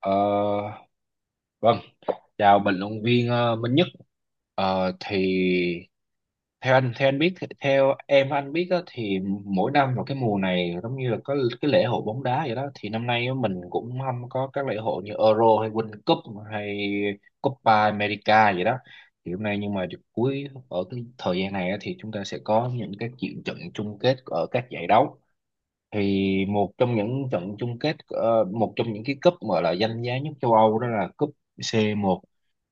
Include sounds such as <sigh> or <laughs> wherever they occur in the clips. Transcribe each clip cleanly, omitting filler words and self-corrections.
Ờ, vâng, chào bình luận viên Minh Nhất. Ờ, thì theo anh biết, theo em anh biết á, thì mỗi năm vào cái mùa này giống như là có cái lễ hội bóng đá vậy đó. Thì năm nay á, mình cũng không có các lễ hội như Euro hay World Cup hay Copa America vậy đó. Thì hôm nay nhưng mà cuối ở cái thời gian này á, thì chúng ta sẽ có những cái chuyện trận chung kết ở các giải đấu. Thì một trong những trận chung kết, một trong những cái cúp mà là danh giá nhất châu Âu đó là cúp C1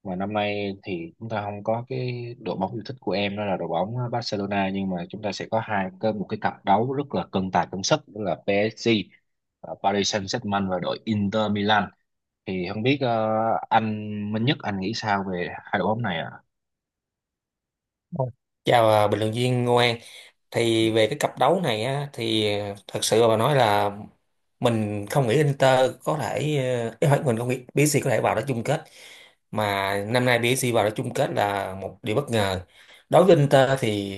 mà năm nay thì chúng ta không có cái đội bóng yêu thích của em đó là đội bóng Barcelona, nhưng mà chúng ta sẽ có hai cái một cái cặp đấu rất là cân tài cân sức đó là PSG và Paris Saint-Germain và đội Inter Milan. Thì không biết anh Minh Nhất anh nghĩ sao về hai đội bóng này ạ? Vâng. Chào bình luận viên Ngô An. Ừ, Thì về cái cặp đấu này á, thì thật sự mà nói là mình không nghĩ Inter có thể, ý hỏi mình không nghĩ PSG có thể vào đó chung kết, mà năm nay PSG vào đó chung kết là một điều bất ngờ. Đối với Inter thì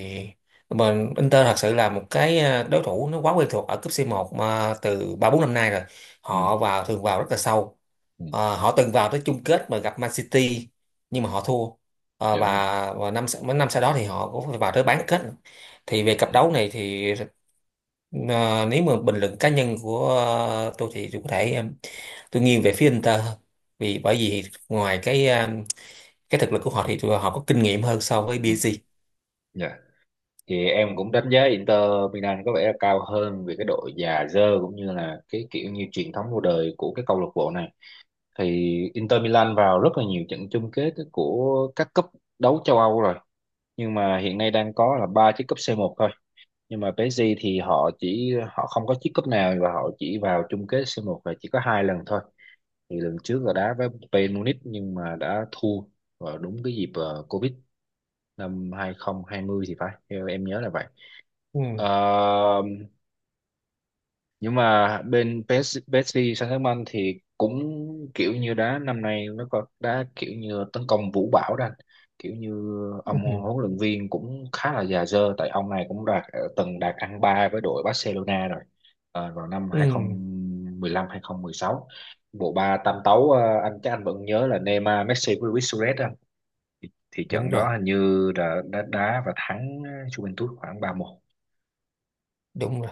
mình Inter thật sự là một cái đối thủ nó quá quen thuộc ở cúp c một mà từ 3 4 năm nay rồi. ừ, Họ vào, thường vào rất là sâu. ừ, Họ từng vào tới chung kết mà gặp Man City nhưng mà họ thua. Ờ, dạ đúng rồi. và và năm, mấy năm sau đó thì họ cũng phải vào tới bán kết. Thì về cặp Ừ, đấu này thì ờ, nếu mà bình luận cá nhân của tôi thì tôi có thể, em, tôi nghiêng về phía Inter hơn, bởi vì ngoài cái cái thực lực của họ thì tụi họ có kinh nghiệm hơn so với ừ, PSG. dạ, thì em cũng đánh giá Inter Milan có vẻ là cao hơn vì cái độ già dơ cũng như là cái kiểu như truyền thống lâu đời của cái câu lạc bộ này. Thì Inter Milan vào rất là nhiều trận chung kết của các cúp đấu châu Âu rồi, nhưng mà hiện nay đang có là ba chiếc cúp C1 thôi. Nhưng mà PSG thì họ không có chiếc cúp nào và họ chỉ vào chung kết C1 là chỉ có hai lần thôi. Thì lần trước là đá với Bayern Munich nhưng mà đã thua, vào đúng cái dịp Covid năm 2020 thì phải, theo em nhớ là vậy. Ừ, Ờ, nhưng mà bên PSG Saint-Germain thì cũng kiểu như đá năm nay nó có đá kiểu như tấn công vũ bão đó anh, kiểu như ông ừ, huấn luyện viên cũng khá là già dơ tại ông này cũng từng đạt ăn ba với đội Barcelona rồi. Ờ, vào năm ừ, 2015, sáu bộ ba tam tấu anh chắc anh vẫn nhớ là Neymar, Messi với Luis Suarez đó anh. Thì đúng trận đó rồi, hình như đã đá và thắng Juventus khoảng ba một. đúng rồi.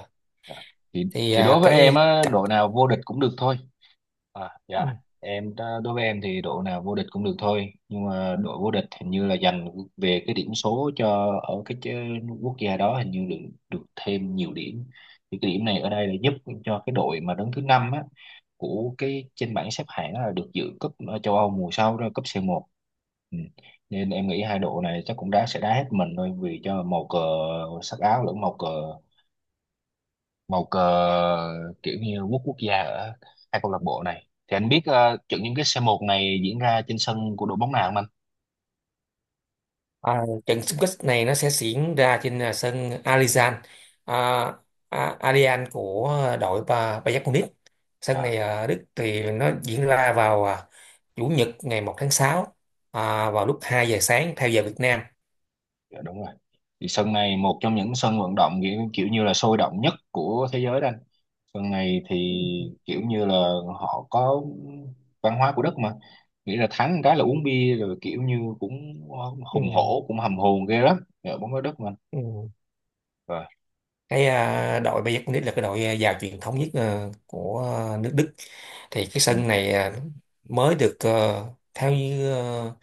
thì Thì thì đối với em cái á, cặp. đội nào vô địch cũng được thôi. À, Ừ. dạ, đối với em thì đội nào vô địch cũng được thôi, nhưng mà đội vô địch hình như là dành về cái điểm số cho ở cái quốc gia đó, hình như được được thêm nhiều điểm. Thì cái điểm này ở đây là giúp cho cái đội mà đứng thứ năm á, của cái trên bảng xếp hạng á, là được dự cúp châu Âu mùa sau, đó cúp C1. Ừ. Nên em nghĩ hai đội này chắc cũng đá hết mình thôi vì cho màu cờ sắc áo, lẫn màu cờ, màu cờ, kiểu như quốc quốc gia ở hai câu lạc bộ này. Thì anh biết trận chung kết c một này diễn ra trên sân của đội bóng nào không anh? À, trận xung kích này nó sẽ diễn ra trên sân Alizan, à, Allianz của đội Bayern Munich. Sân À, này ở Đức thì nó diễn ra vào chủ nhật ngày 1 tháng 6, vào lúc 2 giờ sáng theo giờ Việt Nam. dạ đúng rồi. Thì sân này một trong những sân vận động kiểu như là sôi động nhất của thế giới đó anh. Sân này thì kiểu như là họ có văn hóa của đất mà. Nghĩ là thắng cái là uống bia rồi kiểu như cũng Ừ, hùng hổ, cũng hầm hồn ghê lắm. Dạ, bóng đá đất mà anh. ừ. Rồi. Cái đội Bayern Munich là cái đội giàu truyền thống nhất của nước Đức. Thì cái Ừ, sân này, mới được, theo như,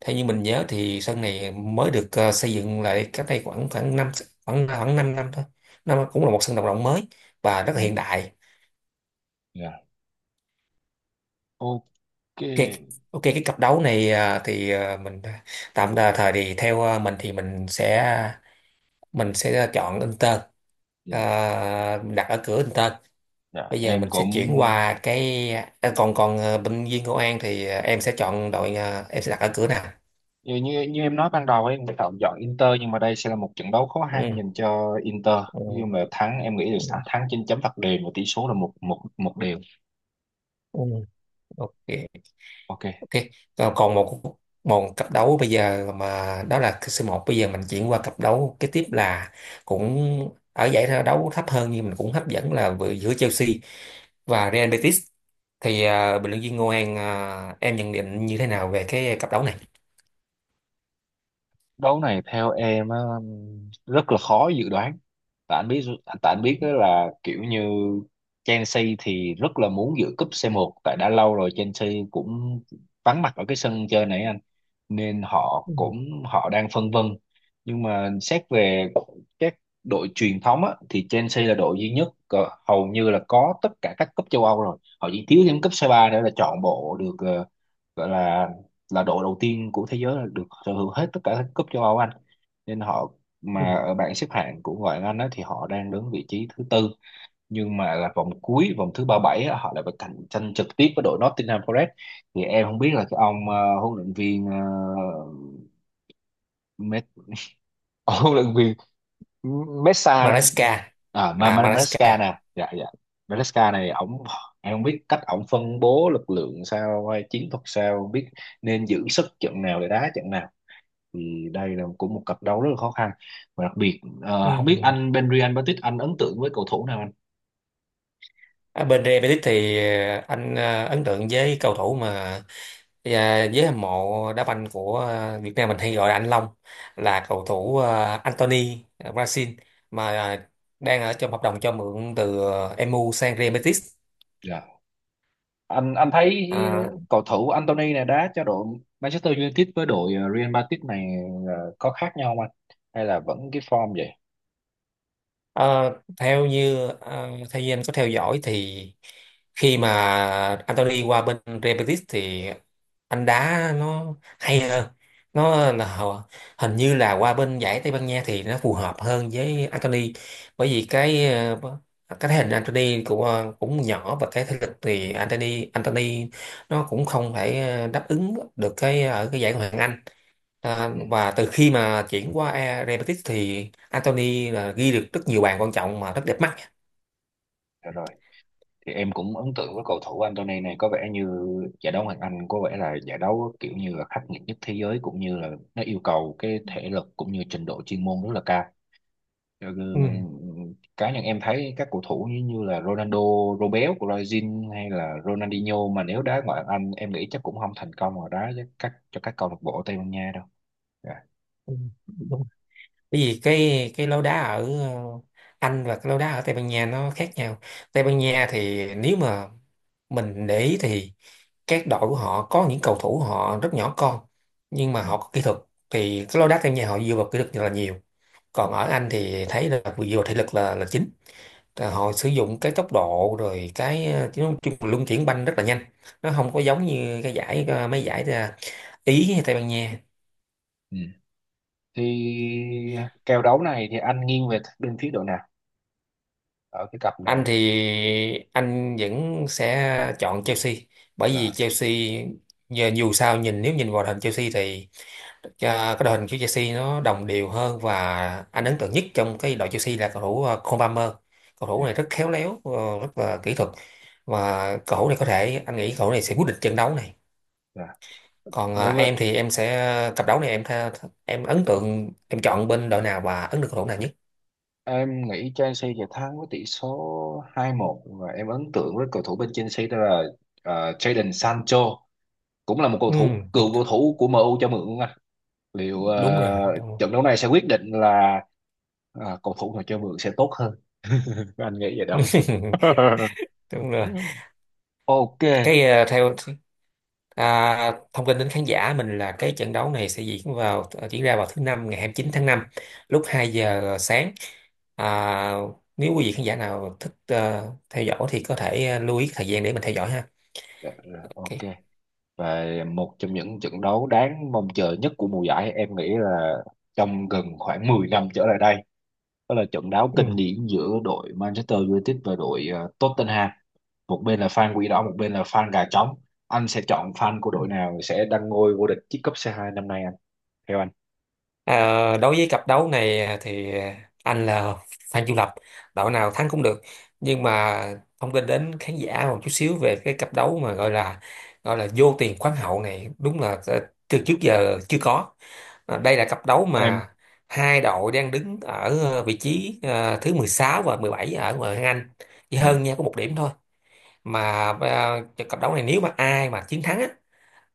theo như mình nhớ thì sân này mới được xây dựng lại cách đây khoảng khoảng năm, khoảng khoảng 5 năm thôi. Nó cũng là một sân vận động mới và rất ừ, là hiện đại. dạ. Ok. Ok, ok. Cái cặp đấu này, thì mình, tạm đà thời thì theo mình thì mình sẽ chọn Inter. Dạ, À, đặt ở cửa Inter. dạ. Bây giờ Em mình sẽ cũng chuyển qua cái còn còn bệnh viên công an thì em sẽ chọn đội, em sẽ đặt ở cửa nào. như như, như em nói ban đầu ấy, người ta chọn Inter nhưng mà đây sẽ là một trận đấu khó khăn Ừ, dành cho Inter. Nói ừ, chung là thắng, em nghĩ là ừ, thắng trên chấm phạt đền và tỷ số là một một một đều. ừ, ok, Ok. ok. Còn còn một một cặp đấu bây giờ mà đó là c một, bây giờ mình chuyển qua cặp đấu kế tiếp là cũng ở giải đấu thấp hơn nhưng mình cũng hấp dẫn, là vừa giữa Chelsea và Real Betis. Thì bình luận viên Ngô An, em nhận định như thế nào về cái cặp đấu này? Đấu này theo em á, rất là khó dự đoán. Tại anh biết tại anh biết đó là kiểu như Chelsea thì rất là muốn giữ cúp C1 tại đã lâu rồi Chelsea cũng vắng mặt ở cái sân chơi này anh, nên họ Ừ. cũng họ đang phân vân. Nhưng mà xét về các đội truyền thống á, thì Chelsea là đội duy nhất hầu như là có tất cả các cúp châu Âu rồi, họ chỉ thiếu thêm cúp C3 nữa là trọn bộ, được gọi là đội đầu tiên của thế giới là được sở hữu hết tất cả các cúp châu Âu Anh. Nên họ, mà Ừ. ở bảng xếp hạng của ngoại hạng Anh á, thì họ đang đứng vị trí thứ tư, nhưng mà là vòng cuối, vòng thứ 37 á, họ lại phải cạnh tranh trực tiếp với đội Nottingham Forest. Thì em không biết là cái ông huấn luyện viên Met, <laughs> huấn luyện viên Mesa, Maresca. À, Maresca. Maresca nè, dạ dạ. Maresca này ổng, em không biết cách ổng phân bố lực lượng sao hay chiến thuật sao biết nên giữ sức trận nào để đá trận nào. Thì đây là cũng một cặp đấu rất là khó khăn. Và đặc biệt không biết Ừ. anh Benrian Petit anh ấn tượng với cầu thủ nào anh? À, bên Real Betis thì anh ấn tượng với cầu thủ mà với hâm mộ đá banh của Việt Nam mình hay gọi là anh Long, là cầu thủ Anthony Brazil, mà đang ở trong hợp đồng cho mượn từ MU sang Real Betis. Dạ, anh thấy À. cầu thủ Anthony này đá cho đội Manchester United với đội Real Madrid này có khác nhau không anh, hay là vẫn cái form vậy? Ờ, theo như, ờ, theo như anh có theo dõi thì khi mà Anthony qua bên Real Betis thì anh đá nó hay hơn. Nó là hình như là qua bên giải Tây Ban Nha thì nó phù hợp hơn với Anthony, bởi vì cái cái thể hình Anthony cũng, cũng nhỏ, và cái thể lực thì Anthony Anthony nó cũng không thể đáp ứng được cái ở cái giải Ngoại hạng Anh. À, Ừ, và từ khi mà chuyển qua Real Betis thì Anthony là ghi được rất nhiều bàn quan trọng mà rất đẹp mắt. dạ rồi. Thì em cũng ấn tượng với cầu thủ Anthony này. Có vẻ như giải đấu Hoàng Anh có vẻ là giải đấu kiểu như là khắc nghiệt nhất thế giới cũng như là nó yêu cầu cái thể lực cũng như trình độ chuyên môn rất là cao. Cho Ừ. nên, ừ, cá nhân em thấy các cầu thủ như là Ronaldo, Robel của Brazil hay là Ronaldinho mà nếu đá ngoại hạng Anh em nghĩ chắc cũng không thành công ở đá với các cho các câu lạc bộ Tây Ban Nha đâu. Dạ. Ừ, đúng. Bởi vì cái lối đá ở Anh và cái lối đá ở Tây Ban Nha nó khác nhau. Tây Ban Nha thì nếu mà mình để ý thì các đội của họ có những cầu thủ họ rất nhỏ con nhưng mà Ừ. họ có kỹ thuật. Thì cái lối đá Tây Ban Nha họ dựa vào kỹ thuật rất là nhiều. Ừ. Còn ở Anh thì thấy là dựa vào thể lực là chính. Thì họ sử dụng cái tốc độ rồi cái, chứ nói chung là luân chuyển banh rất là nhanh, nó không có giống như cái giải, mấy giải, Ý hay Tây Ban Nha. Ừ. Thì kèo đấu này thì anh nghiêng về bên phía đội nào ở cái cặp này Anh này? thì anh vẫn sẽ chọn Chelsea, bởi vì Dạ. Chelsea giờ dù sao nếu nhìn vào đội hình Chelsea thì ờ, cái đội hình của Chelsea nó đồng đều hơn, và Ừ. anh ấn tượng nhất trong cái đội Chelsea là cầu thủ Cole Palmer. Cầu thủ Dạ. này rất khéo léo, rất là kỹ thuật, và cầu thủ này có thể, anh nghĩ cầu thủ này sẽ quyết định trận đấu này. Dạ. Còn Đối em với, thì em sẽ cặp đấu này, em tha, em ấn tượng, em chọn bên đội nào và ấn được cầu thủ nào nhất? em nghĩ Chelsea sẽ thắng với tỷ số hai một và em ấn tượng với cầu thủ bên Chelsea đó là Jadon Sancho, cũng là một cầu Ừ, thủ đúng cựu cầu thủ của MU cho mượn luôn anh. Liệu đúng rồi đúng rồi, trận đấu này sẽ quyết định là cầu thủ nào cho mượn sẽ tốt hơn, anh nghĩ vậy đâu. <laughs> đúng rồi. <laughs> Ok. Cái theo thông tin đến khán giả mình là cái trận đấu này sẽ diễn ra vào thứ năm ngày 29 tháng 5, lúc 2 giờ sáng. à, nếu quý vị khán giả nào thích theo dõi thì có thể lưu ý thời gian để mình theo dõi ha. Dạ, dạ, Ok. ok. Và một trong những trận đấu đáng mong chờ nhất của mùa giải em nghĩ là trong gần khoảng 10 năm trở lại đây đó là trận đấu Ừ. kinh điển giữa đội Manchester United và đội Tottenham. Một bên là fan quỷ đỏ, một bên là fan gà trống. Anh sẽ chọn fan của đội nào sẽ đăng ngôi vô địch chiếc cúp C2 năm nay anh, theo anh? À, đối với cặp đấu này thì anh là fan trung lập, đội nào thắng cũng được, nhưng mà thông tin đến khán giả một chút xíu về cái cặp đấu mà gọi là vô tiền khoáng hậu này đúng là, từ trước giờ chưa có. À, đây là cặp đấu em mà hai đội đang đứng ở vị trí thứ 16 và 17 ở ngoại hạng Anh, chỉ dạ hơn nhau có một điểm thôi, mà cặp đấu này nếu mà ai mà chiến thắng á,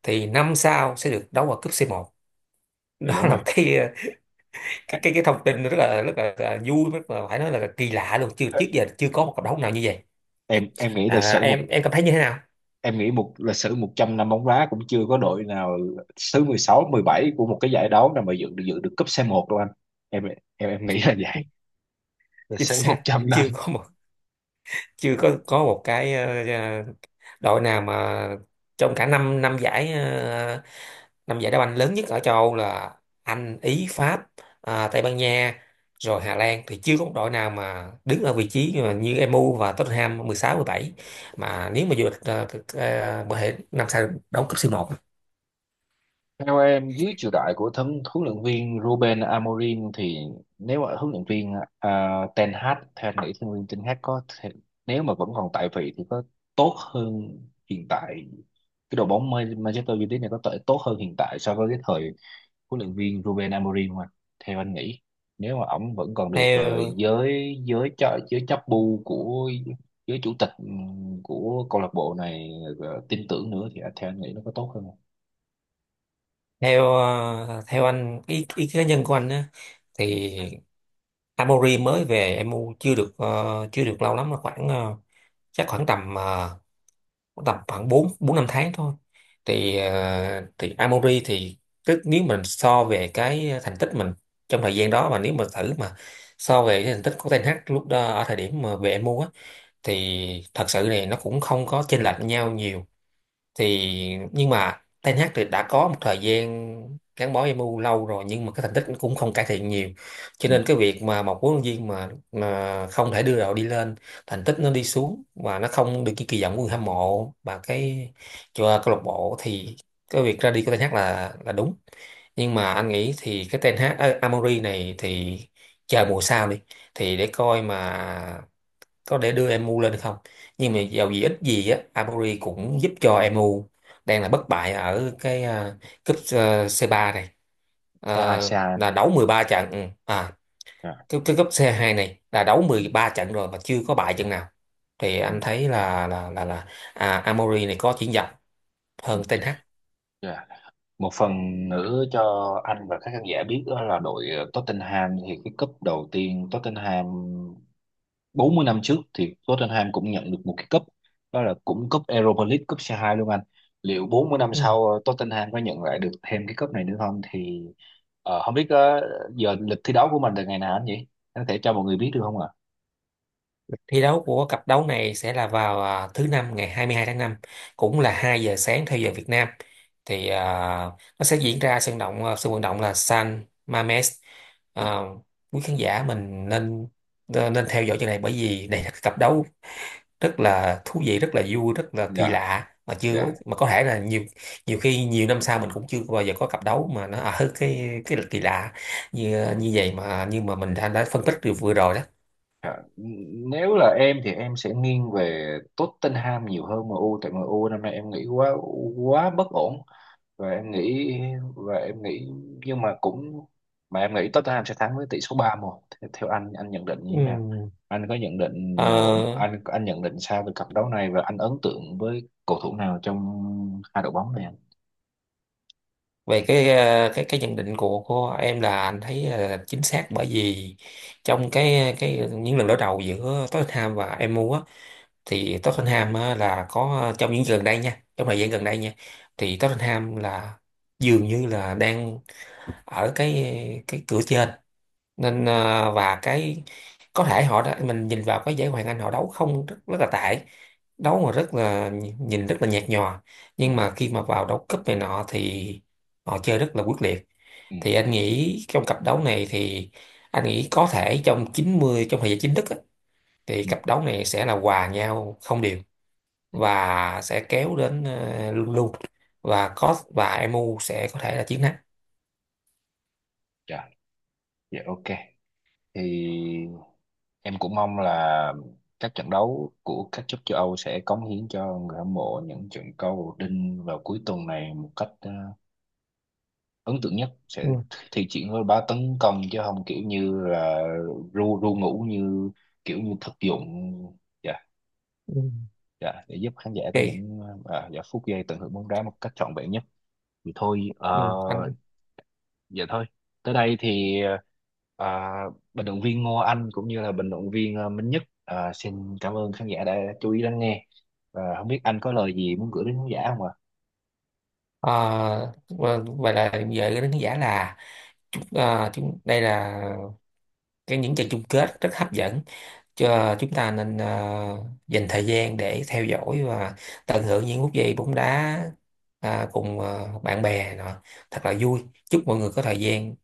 thì năm sau sẽ được đấu ở cúp c một. <laughs> dạ Đó đúng rồi. là cái, Ê, cái thông tin nó rất là, rất là vui, rất là, phải nói là kỳ lạ luôn, chưa, ê, trước giờ chưa có một cộng đồng nào như vậy. em nghĩ lịch sử một Em cảm thấy như thế nào? em nghĩ một lịch sử 100 năm bóng đá cũng chưa có đội nào thứ mười sáu, mười bảy của một cái giải đấu nào mà dự được cúp c một đâu anh. Em em em nghĩ là vậy. <laughs> Lịch Chính sử một xác. trăm năm. Chưa có một, chưa có một cái, đội nào mà trong cả năm, năm giải, năm giải đá banh lớn nhất ở châu Âu là Anh, Ý, Pháp, Tây Ban Nha rồi Hà Lan, thì chưa có một đội nào mà đứng ở vị trí mà như MU và Tottenham, 16, 17, mà nếu mà vô địch, có thể năm sau đấu cúp C1. Theo em, dưới triều đại của thân huấn luyện viên Ruben Amorim thì nếu mà huấn luyện viên, à, Ten Hag, theo anh nghĩ huấn luyện viên Ten Hag có thể, nếu mà vẫn còn tại vị thì có tốt hơn hiện tại, cái đội bóng Manchester United này có thể tốt hơn hiện tại so với cái thời huấn luyện viên Ruben Amorim mà, theo anh nghĩ, nếu mà ổng vẫn còn được Theo, giới giới cho giới chấp bu của giới chủ tịch của câu lạc bộ này tin tưởng nữa thì theo anh nghĩ nó có tốt hơn không? theo anh, ý, kiến cá nhân của anh á, thì Ừ. Amori mới về MU chưa được, chưa được lâu lắm, là khoảng, chắc khoảng tầm, khoảng tầm khoảng bốn, bốn năm tháng thôi. Thì thì Amori thì tức nếu mình so về cái thành tích mình trong thời gian đó, mà nếu mà thử mà so về cái thành tích của Ten Hag lúc đó ở thời điểm mà về MU á, thì thật sự này nó cũng không có chênh lệch nhau nhiều. Thì nhưng mà Ten Hag thì đã có một thời gian gắn bó MU lâu rồi nhưng mà cái thành tích cũng không cải thiện nhiều, cho Ừ. nên cái việc mà một huấn luyện viên mà không thể đưa đội đi lên, thành tích nó đi xuống và nó không được như kỳ vọng của người hâm mộ và cái cho câu lạc bộ, thì cái việc ra đi của Ten Hag là đúng. Nhưng mà anh nghĩ thì cái Ten Hag, Amory này thì, chờ mùa sau đi, thì để coi mà có để đưa MU lên không. Nhưng mà dầu gì ít gì á, Aburi cũng giúp cho MU đang là bất bại ở cái, cúp C3 này. Thế hai. À, là đấu 13 trận. Ừ. À, Dạ, cái cúp C2 này là đấu ừ, 13 trận rồi mà chưa có bại trận nào, thì ừ, anh thấy là, là Amori này có triển vọng ừ, hơn Ten Hag. dạ. Một phần nữa cho anh và các khán giả biết đó là đội Tottenham thì cái cúp đầu tiên Tottenham 40 năm trước thì Tottenham cũng nhận được một cái cúp, đó là cũng cúp Europa League, cúp C2 luôn anh. Liệu 40 năm sau Tottenham có nhận lại được thêm cái cúp này nữa không thì ờ, không biết ờ, giờ lịch thi đấu của mình là ngày nào anh nhỉ? Anh có thể cho mọi người biết được không ạ? Thi đấu của cặp đấu này sẽ là vào, thứ năm ngày 22 tháng năm, cũng là 2 giờ sáng theo giờ Việt Nam. Thì nó sẽ diễn ra sân vận động là San Mamés. À, quý khán giả mình nên, nên theo dõi chuyện này bởi vì đây là cái cặp đấu rất là thú vị, rất là vui, rất là kỳ Dạ, lạ, mà chưa, dạ. mà có thể là nhiều nhiều khi nhiều năm sau mình cũng chưa bao giờ có cặp đấu mà nó ở <laughs> cái kỳ lạ như như vậy mà, nhưng mà mình đã phân tích được vừa rồi đó. À, nếu là em thì em sẽ nghiêng về Tottenham nhiều hơn MU tại MU năm nay em nghĩ quá quá bất ổn. Và em nghĩ và em nghĩ nhưng mà cũng mà Em nghĩ Tottenham sẽ thắng với tỷ số ba một. Thế, theo anh nhận định như thế nào, anh có nhận định mà, Ừ. anh nhận định sao về cặp đấu này và anh ấn tượng với cầu thủ nào trong hai đội bóng này anh? Về cái, cái nhận định của em là anh thấy là chính xác, bởi vì trong cái những lần đối đầu giữa Tottenham và MU á, thì Tottenham á, là có trong những gần đây nha, trong thời gian gần đây nha, thì Tottenham là dường như là đang ở cái cửa trên, nên và cái có thể họ đã mình nhìn vào cái giải Hoàng Anh họ đấu không, rất là tệ, đấu mà rất là, nhìn rất là nhạt nhòa, Ừ, nhưng mà khi mà vào đấu cúp này nọ thì họ chơi rất là quyết liệt. ừ, Thì anh nghĩ trong cặp đấu này thì anh nghĩ có thể trong 90, trong thời gian chính thức á, thì ừ, cặp đấu này sẽ là hòa nhau không đều ừ. Ừ. và sẽ kéo đến, luôn luôn, và MU sẽ có thể là chiến thắng. Dạ, dạ, ok. Thì em cũng mong là các trận đấu của các club châu Âu sẽ cống hiến cho người hâm mộ những trận cầu đinh vào cuối tuần này một cách ấn tượng nhất, sẽ Ừ. thi triển với bá tấn công chứ không kiểu như là ru ru ngủ, như kiểu như thực dụng. Dạ. Ừ. Dạ, để giúp khán giả có Ok, những dạ, phút giây tận hưởng bóng đá một cách trọn vẹn nhất. Thì thôi, ừ. Anh. vậy thôi. Tới đây thì, à, bình luận viên Ngô Anh cũng như là bình luận viên, à, Minh Nhất, à, xin cảm ơn khán giả đã chú ý lắng nghe. Và không biết anh có lời gì muốn gửi đến khán giả không ạ? À, vậy là về cái đánh giá là, chúng đây là cái những trận chung kết rất hấp dẫn cho chúng ta, nên dành thời gian để theo dõi và tận hưởng những phút giây bóng đá, cùng bạn bè nọ, thật là vui, chúc mọi người có thời gian,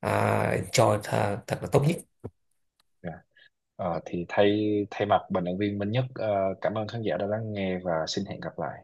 à, enjoy thật là tốt nhất Dạ. Ờ, thì thay thay mặt bình luận viên Minh Nhất, à, cảm ơn khán giả đã lắng nghe và xin hẹn gặp lại.